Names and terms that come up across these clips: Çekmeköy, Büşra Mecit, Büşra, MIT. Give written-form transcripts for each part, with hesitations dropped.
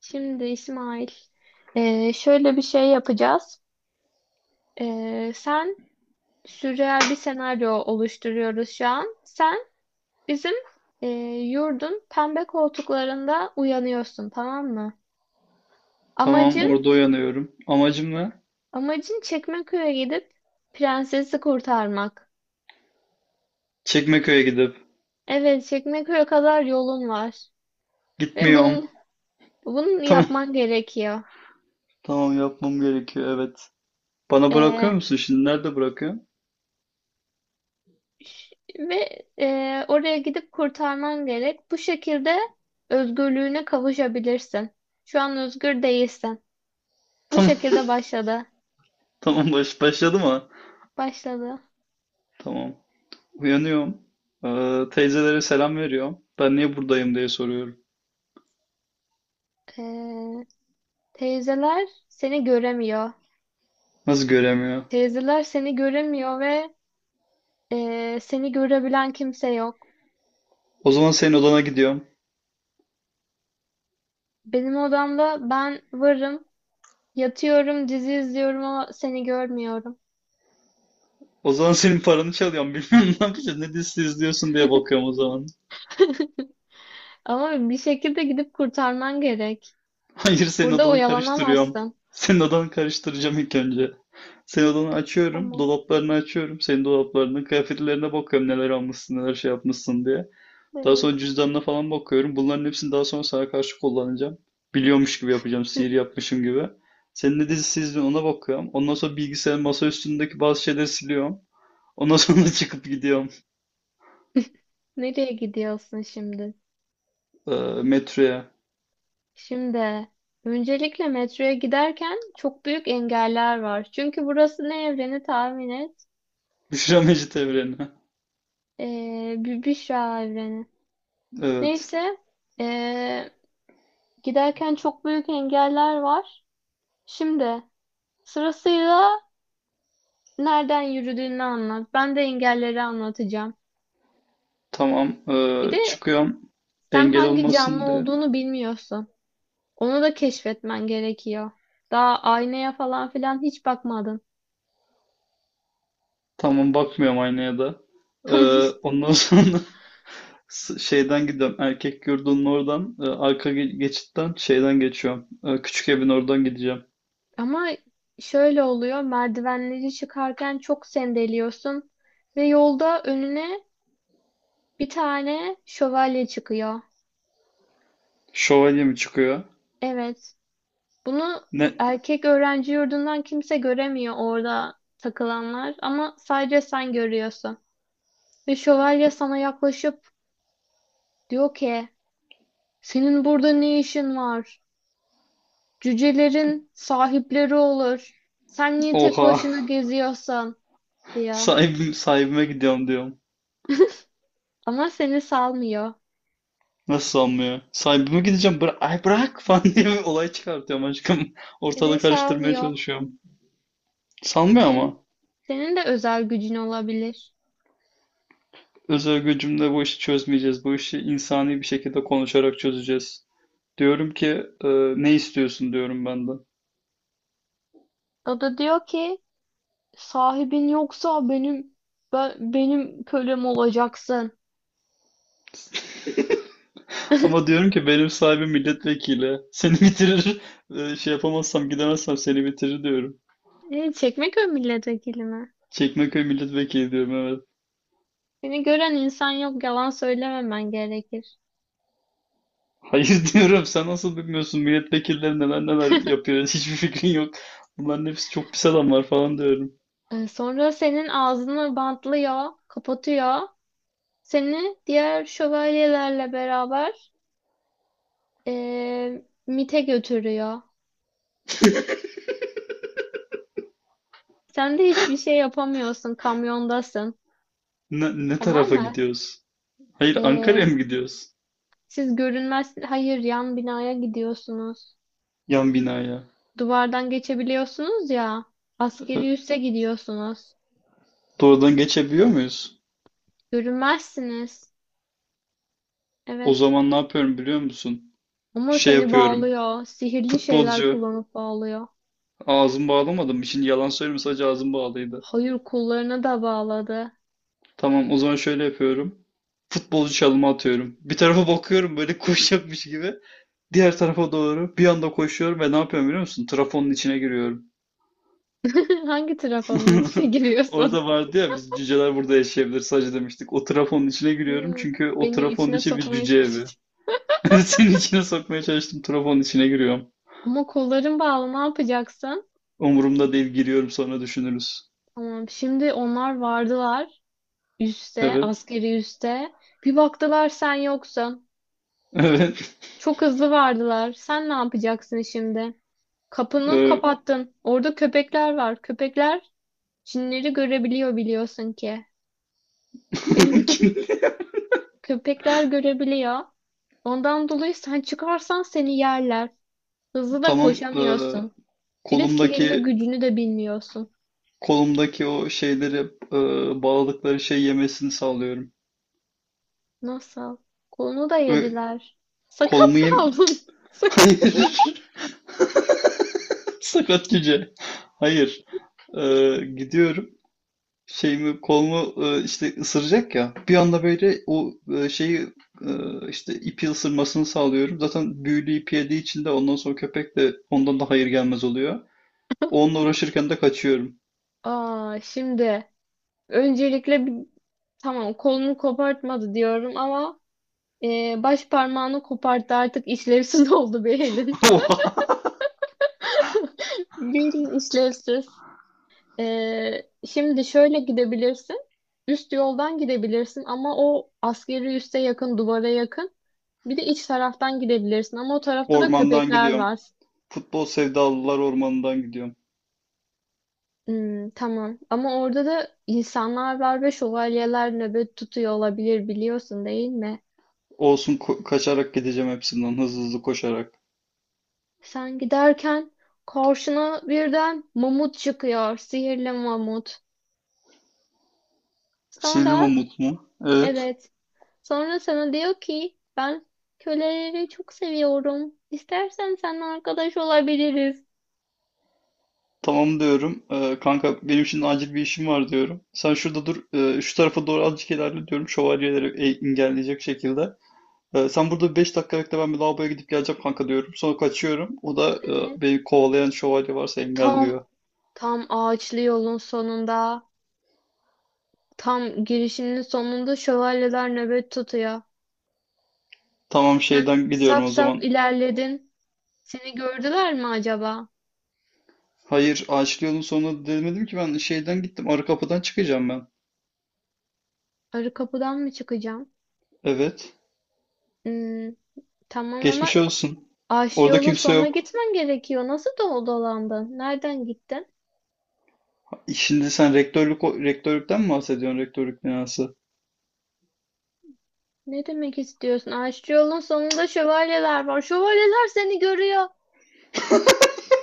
Şimdi İsmail, şöyle bir şey yapacağız. Sen sürreal bir senaryo oluşturuyoruz şu an. Sen bizim e, yurdun pembe koltuklarında uyanıyorsun, tamam mı? Tamam Amacın, orada uyanıyorum. Amacım ne? amacın Çekmeköy'e gidip prensesi kurtarmak. Çekmeköy'e gidip. Evet, Çekmeköy'e kadar yolun var ve Gitmiyorum. bunun Tamam. yapman gerekiyor. Tamam yapmam gerekiyor, evet. Bana bırakıyor musun şimdi? Nerede bırakıyorsun? Ve oraya gidip kurtarman gerek. Bu şekilde özgürlüğüne kavuşabilirsin. Şu an özgür değilsin. Bu Tamam. şekilde başladı. Tamam başladı mı? Başladı. Tamam. Uyanıyorum. Teyzelere selam veriyorum. Ben niye buradayım diye soruyorum. E, Teyzeler seni göremiyor. Nasıl göremiyor? Teyzeler seni göremiyor ve seni görebilen kimse yok. O zaman senin odana gidiyorum. Benim odamda ben varım. Yatıyorum, dizi izliyorum ama seni görmüyorum. O zaman senin paranı çalıyorum. Bilmiyorum ne yapacağız. Ne dizisi izliyorsun diye bakıyorum o zaman. Ama bir şekilde gidip kurtarman gerek. Hayır, senin Burada odanı karıştırıyorum. oyalanamazsın. Senin odanı karıştıracağım ilk önce. Senin odanı açıyorum. Tamam. Dolaplarını açıyorum. Senin dolaplarının kıyafetlerine bakıyorum neler almışsın neler şey yapmışsın diye. Daha sonra Evet. cüzdanına falan bakıyorum. Bunların hepsini daha sonra sana karşı kullanacağım. Biliyormuş gibi yapacağım. Sihir yapmışım gibi. Senin ne dizisi izliyorsun ona bakıyorum. Ondan sonra bilgisayarın masa üstündeki bazı şeyleri siliyorum. Ondan sonra çıkıp gidiyorum Nereye gidiyorsun şimdi? e, metroya. Şimdi öncelikle metroya giderken çok büyük engeller var. Çünkü burası ne evreni tahmin et? Büşra Mecit evrenine. Bir Büşra evreni. Evet. Neyse ee, giderken çok büyük engeller var. Şimdi sırasıyla nereden yürüdüğünü anlat. Ben de engelleri anlatacağım. Tamam. Bir de Çıkıyorum sen engel hangi canlı olmasın diye. olduğunu bilmiyorsun. Onu da keşfetmen gerekiyor. Daha aynaya falan filan hiç bakmadın. Tamam, bakmıyorum aynaya da. Ee, Tamam. Ondan sonra şeyden gidiyorum. Erkek yurdunun oradan, arka geçitten şeyden geçiyorum. Küçük evin oradan gideceğim. Ama şöyle oluyor, merdivenleri çıkarken çok sendeliyorsun ve yolda önüne bir tane şövalye çıkıyor. Şövalye mi çıkıyor? Evet, bunu Ne? erkek öğrenci yurdundan kimse göremiyor orada takılanlar ama sadece sen görüyorsun. Ve şövalye sana yaklaşıp diyor ki, senin burada ne işin var? Cücelerin sahipleri olur. Sen niye tek Oha. başına geziyorsun? Diyor. Sahibim, sahibime gidiyorum diyorum. Ama seni salmıyor. Nasıl sanmıyor? Sahibime gideceğim. Ay bırak falan diye bir olay çıkartıyorum aşkım. Seni Ortalığı karıştırmaya salmıyor. çalışıyorum. Sanmıyor Senin, ama. senin de özel gücün olabilir. Özel gücümle bu işi çözmeyeceğiz. Bu işi insani bir şekilde konuşarak çözeceğiz. Diyorum ki e, ne istiyorsun diyorum ben de. O da diyor ki sahibin yoksa benim benim kölem olacaksın. Ama diyorum ki benim sahibim milletvekili. Seni bitirir. Şey yapamazsam gidemezsem seni bitirir diyorum. Çekmeköy milletvekili mi? Çekmeköy milletvekili diyorum, evet. Seni gören insan yok yalan söylememen gerekir. Hayır, diyorum sen nasıl bilmiyorsun milletvekilleri neler neler yapıyor, hiçbir fikrin yok. Bunların hepsi çok pis adamlar falan diyorum. Sonra senin ağzını bantlıyor, kapatıyor. Seni diğer şövalyelerle beraber MIT'e götürüyor. Sen de hiçbir şey yapamıyorsun, kamyondasın. Ne Tamam tarafa mı? gidiyoruz? Hayır, Ankara'ya E, mı gidiyoruz? Siz görünmez, hayır yan binaya gidiyorsunuz. Yan binaya. Duvardan geçebiliyorsunuz ya. Ee, Askeri üsse gidiyorsunuz. Doğrudan geçebiliyor muyuz? Görünmezsiniz. O Evet. zaman ne yapıyorum biliyor musun? Ama Şey seni yapıyorum. bağlıyor. Sihirli şeyler Futbolcu. kullanıp bağlıyor. Ağzımı bağlamadım. Şimdi yalan söylemiyorum, sadece ağzım bağlıydı. Hayır kollarına da bağladı. Tamam, o zaman şöyle yapıyorum. Futbolcu çalımı atıyorum. Bir tarafa bakıyorum böyle koşacakmış gibi. Diğer tarafa doğru bir anda koşuyorum ve ne yapıyorum biliyor musun? Trafonun içine giriyorum. Hangi trafonun içine giriyorsun? Orada vardı ya biz cüceler burada yaşayabilir sadece demiştik. O trafonun içine giriyorum Evet. çünkü o Beni trafonun içine içi bir sokmaya cüce evi. çalıştı. Senin içine sokmaya çalıştım, trafonun içine giriyorum. Ama kolların bağlı ne yapacaksın? Umurumda değil, giriyorum, sonra düşünürüz. Tamam şimdi onlar vardılar. Üste, Evet. askeri üste. Bir baktılar sen yoksun. Evet. Çok hızlı vardılar. Sen ne yapacaksın şimdi? Kapını Ee, kapattın. Orada köpekler var. Köpekler cinleri görebiliyor biliyorsun ki. Köpekler görebiliyor. Ondan dolayı sen çıkarsan seni yerler. Hızlı da Tamam. Koşamıyorsun. Bir de sihirli kolumdaki gücünü de bilmiyorsun. Kolumdaki o şeyleri, e, bağladıkları şey yemesini sağlıyorum. Nasıl? Kolunu da Ö- yediler. Sakat Kolumu yem... kaldın. Sak Hayır. Sakat cüce. Hayır. E, Gidiyorum. Şeyimi kolumu, işte ısıracak ya. Bir anda böyle o, şeyi, e, işte ipi ısırmasını sağlıyorum. Zaten büyülü ipi yediği için de ondan sonra köpek de ondan da hayır gelmez oluyor. Onunla uğraşırken de kaçıyorum. Aa, şimdi öncelikle tamam kolunu kopartmadı diyorum ama baş parmağını koparttı artık işlevsiz oldu bir elin. Bir elin işlevsiz. Şimdi şöyle gidebilirsin. Üst yoldan gidebilirsin ama o askeri üste yakın, duvara yakın. Bir de iç taraftan gidebilirsin ama o tarafta da Ormandan köpekler gidiyorum. var. Futbol sevdalılar ormanından gidiyorum. Hmm, tamam ama orada da insanlar var ve şövalyeler nöbet tutuyor olabilir biliyorsun değil mi? Olsun, kaçarak gideceğim hepsinden hızlı hızlı koşarak. Sen giderken karşına birden mamut çıkıyor, sihirli mamut. Sonra Sildim mu? Evet. Evet. Sonra sana diyor ki ben köleleri çok seviyorum. İstersen seninle arkadaş olabiliriz. Tamam diyorum. Kanka benim şimdi acil bir işim var diyorum. Sen şurada dur. Şu tarafa doğru azıcık ilerle diyorum. Şövalyeleri engelleyecek şekilde. Sen burada 5 dakika bekle, ben bir lavaboya gidip geleceğim kanka diyorum. Sonra kaçıyorum. O da Evet. beni kovalayan şövalye varsa Tam engelliyor. tam ağaçlı yolun sonunda, tam girişinin sonunda şövalyeler nöbet tutuyor. Tamam, Sen şeyden gidiyorum saf o saf zaman. ilerledin. Seni gördüler mi acaba? Hayır, ağaçlı yolun sonuna demedim ki, ben şeyden gittim. Arı kapıdan çıkacağım ben. Arı kapıdan mı çıkacağım? Evet. Hmm, tamam ama Geçmiş olsun. ağaçlı Orada yolun kimse sonuna yok. gitmen gerekiyor. Nasıl dolandın? Nereden gittin? Şimdi sen rektörlükten mi bahsediyorsun? Rektörlük binası. Ne demek istiyorsun? Aşçı yolun sonunda şövalyeler var. Şövalyeler seni görüyor.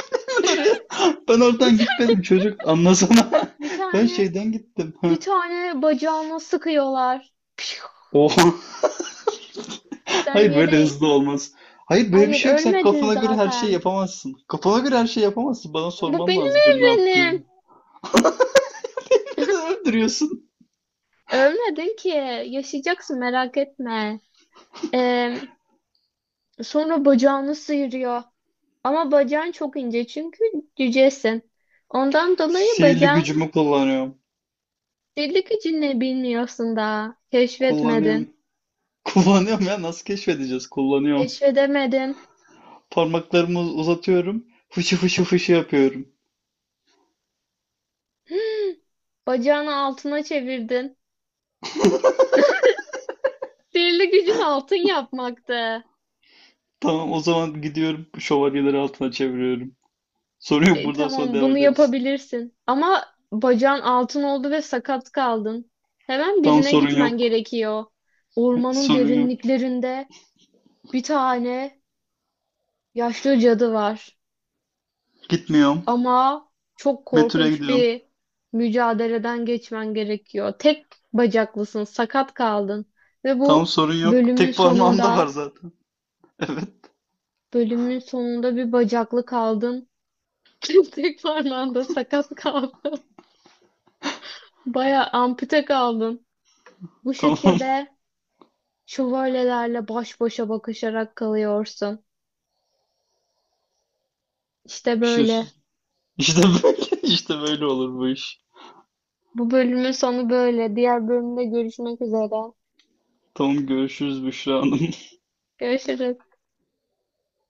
Ben oraya Ben Bir oradan tane, gitmedim çocuk, anlasana. bir Ben tane, şeyden gittim. bir tane bacağına sıkıyorlar. Pişu! Oha. Sen Hayır, böyle yere... hızlı olmaz. Hayır, böyle bir Hayır, şey yok. Sen ölmedin kafana göre her şey zaten. yapamazsın. Kafana göre her şey yapamazsın. Bana Bu sorman benim lazım benim ne yaptığımı. evrenim. Neden öldürüyorsun? Ölmedin ki. Yaşayacaksın merak etme. Ee, Sonra bacağını sıyırıyor. Ama bacağın çok ince çünkü cücesin. Ondan dolayı Sihirli bacağın gücümü kullanıyorum. delik içinde bilmiyorsun daha. Keşfetmedin. Kullanıyorum. Kullanıyorum ya, nasıl keşfedeceğiz? Kullanıyorum. Keşfedemedin. Parmaklarımı uzatıyorum. Fışı fışı fışı yapıyorum. Bacağını altına çevirdin. Sihirli gücün altın yapmaktı. Tamam, o zaman gidiyorum, şövalyeleri altına çeviriyorum. Sorun yok. Buradan sonra Tamam devam bunu ederiz. yapabilirsin. Ama bacağın altın oldu ve sakat kaldın. Hemen Tam birine sorun gitmen yok. gerekiyor. Ormanın Sorun yok. derinliklerinde bir tane yaşlı cadı var. Gitmiyorum. Ama çok Betül'e korkunç gidiyorum. bir mücadeleden geçmen gerekiyor. Tek bacaklısın, sakat kaldın. Ve Tam bu sorun yok. bölümün Tek parmağım da var sonunda, zaten. Evet. bölümün sonunda bir bacaklı kaldın. Tek parmağında sakat kaldın. Baya ampute kaldın. Bu Tamam. şekilde şövalyelerle baş başa bakışarak kalıyorsun. İşte Bir şey. böyle. İşte böyle, işte böyle olur bu iş. Bu bölümün sonu böyle. Diğer bölümde görüşmek üzere. Tamam, görüşürüz Büşra Hanım. Görüşürüz.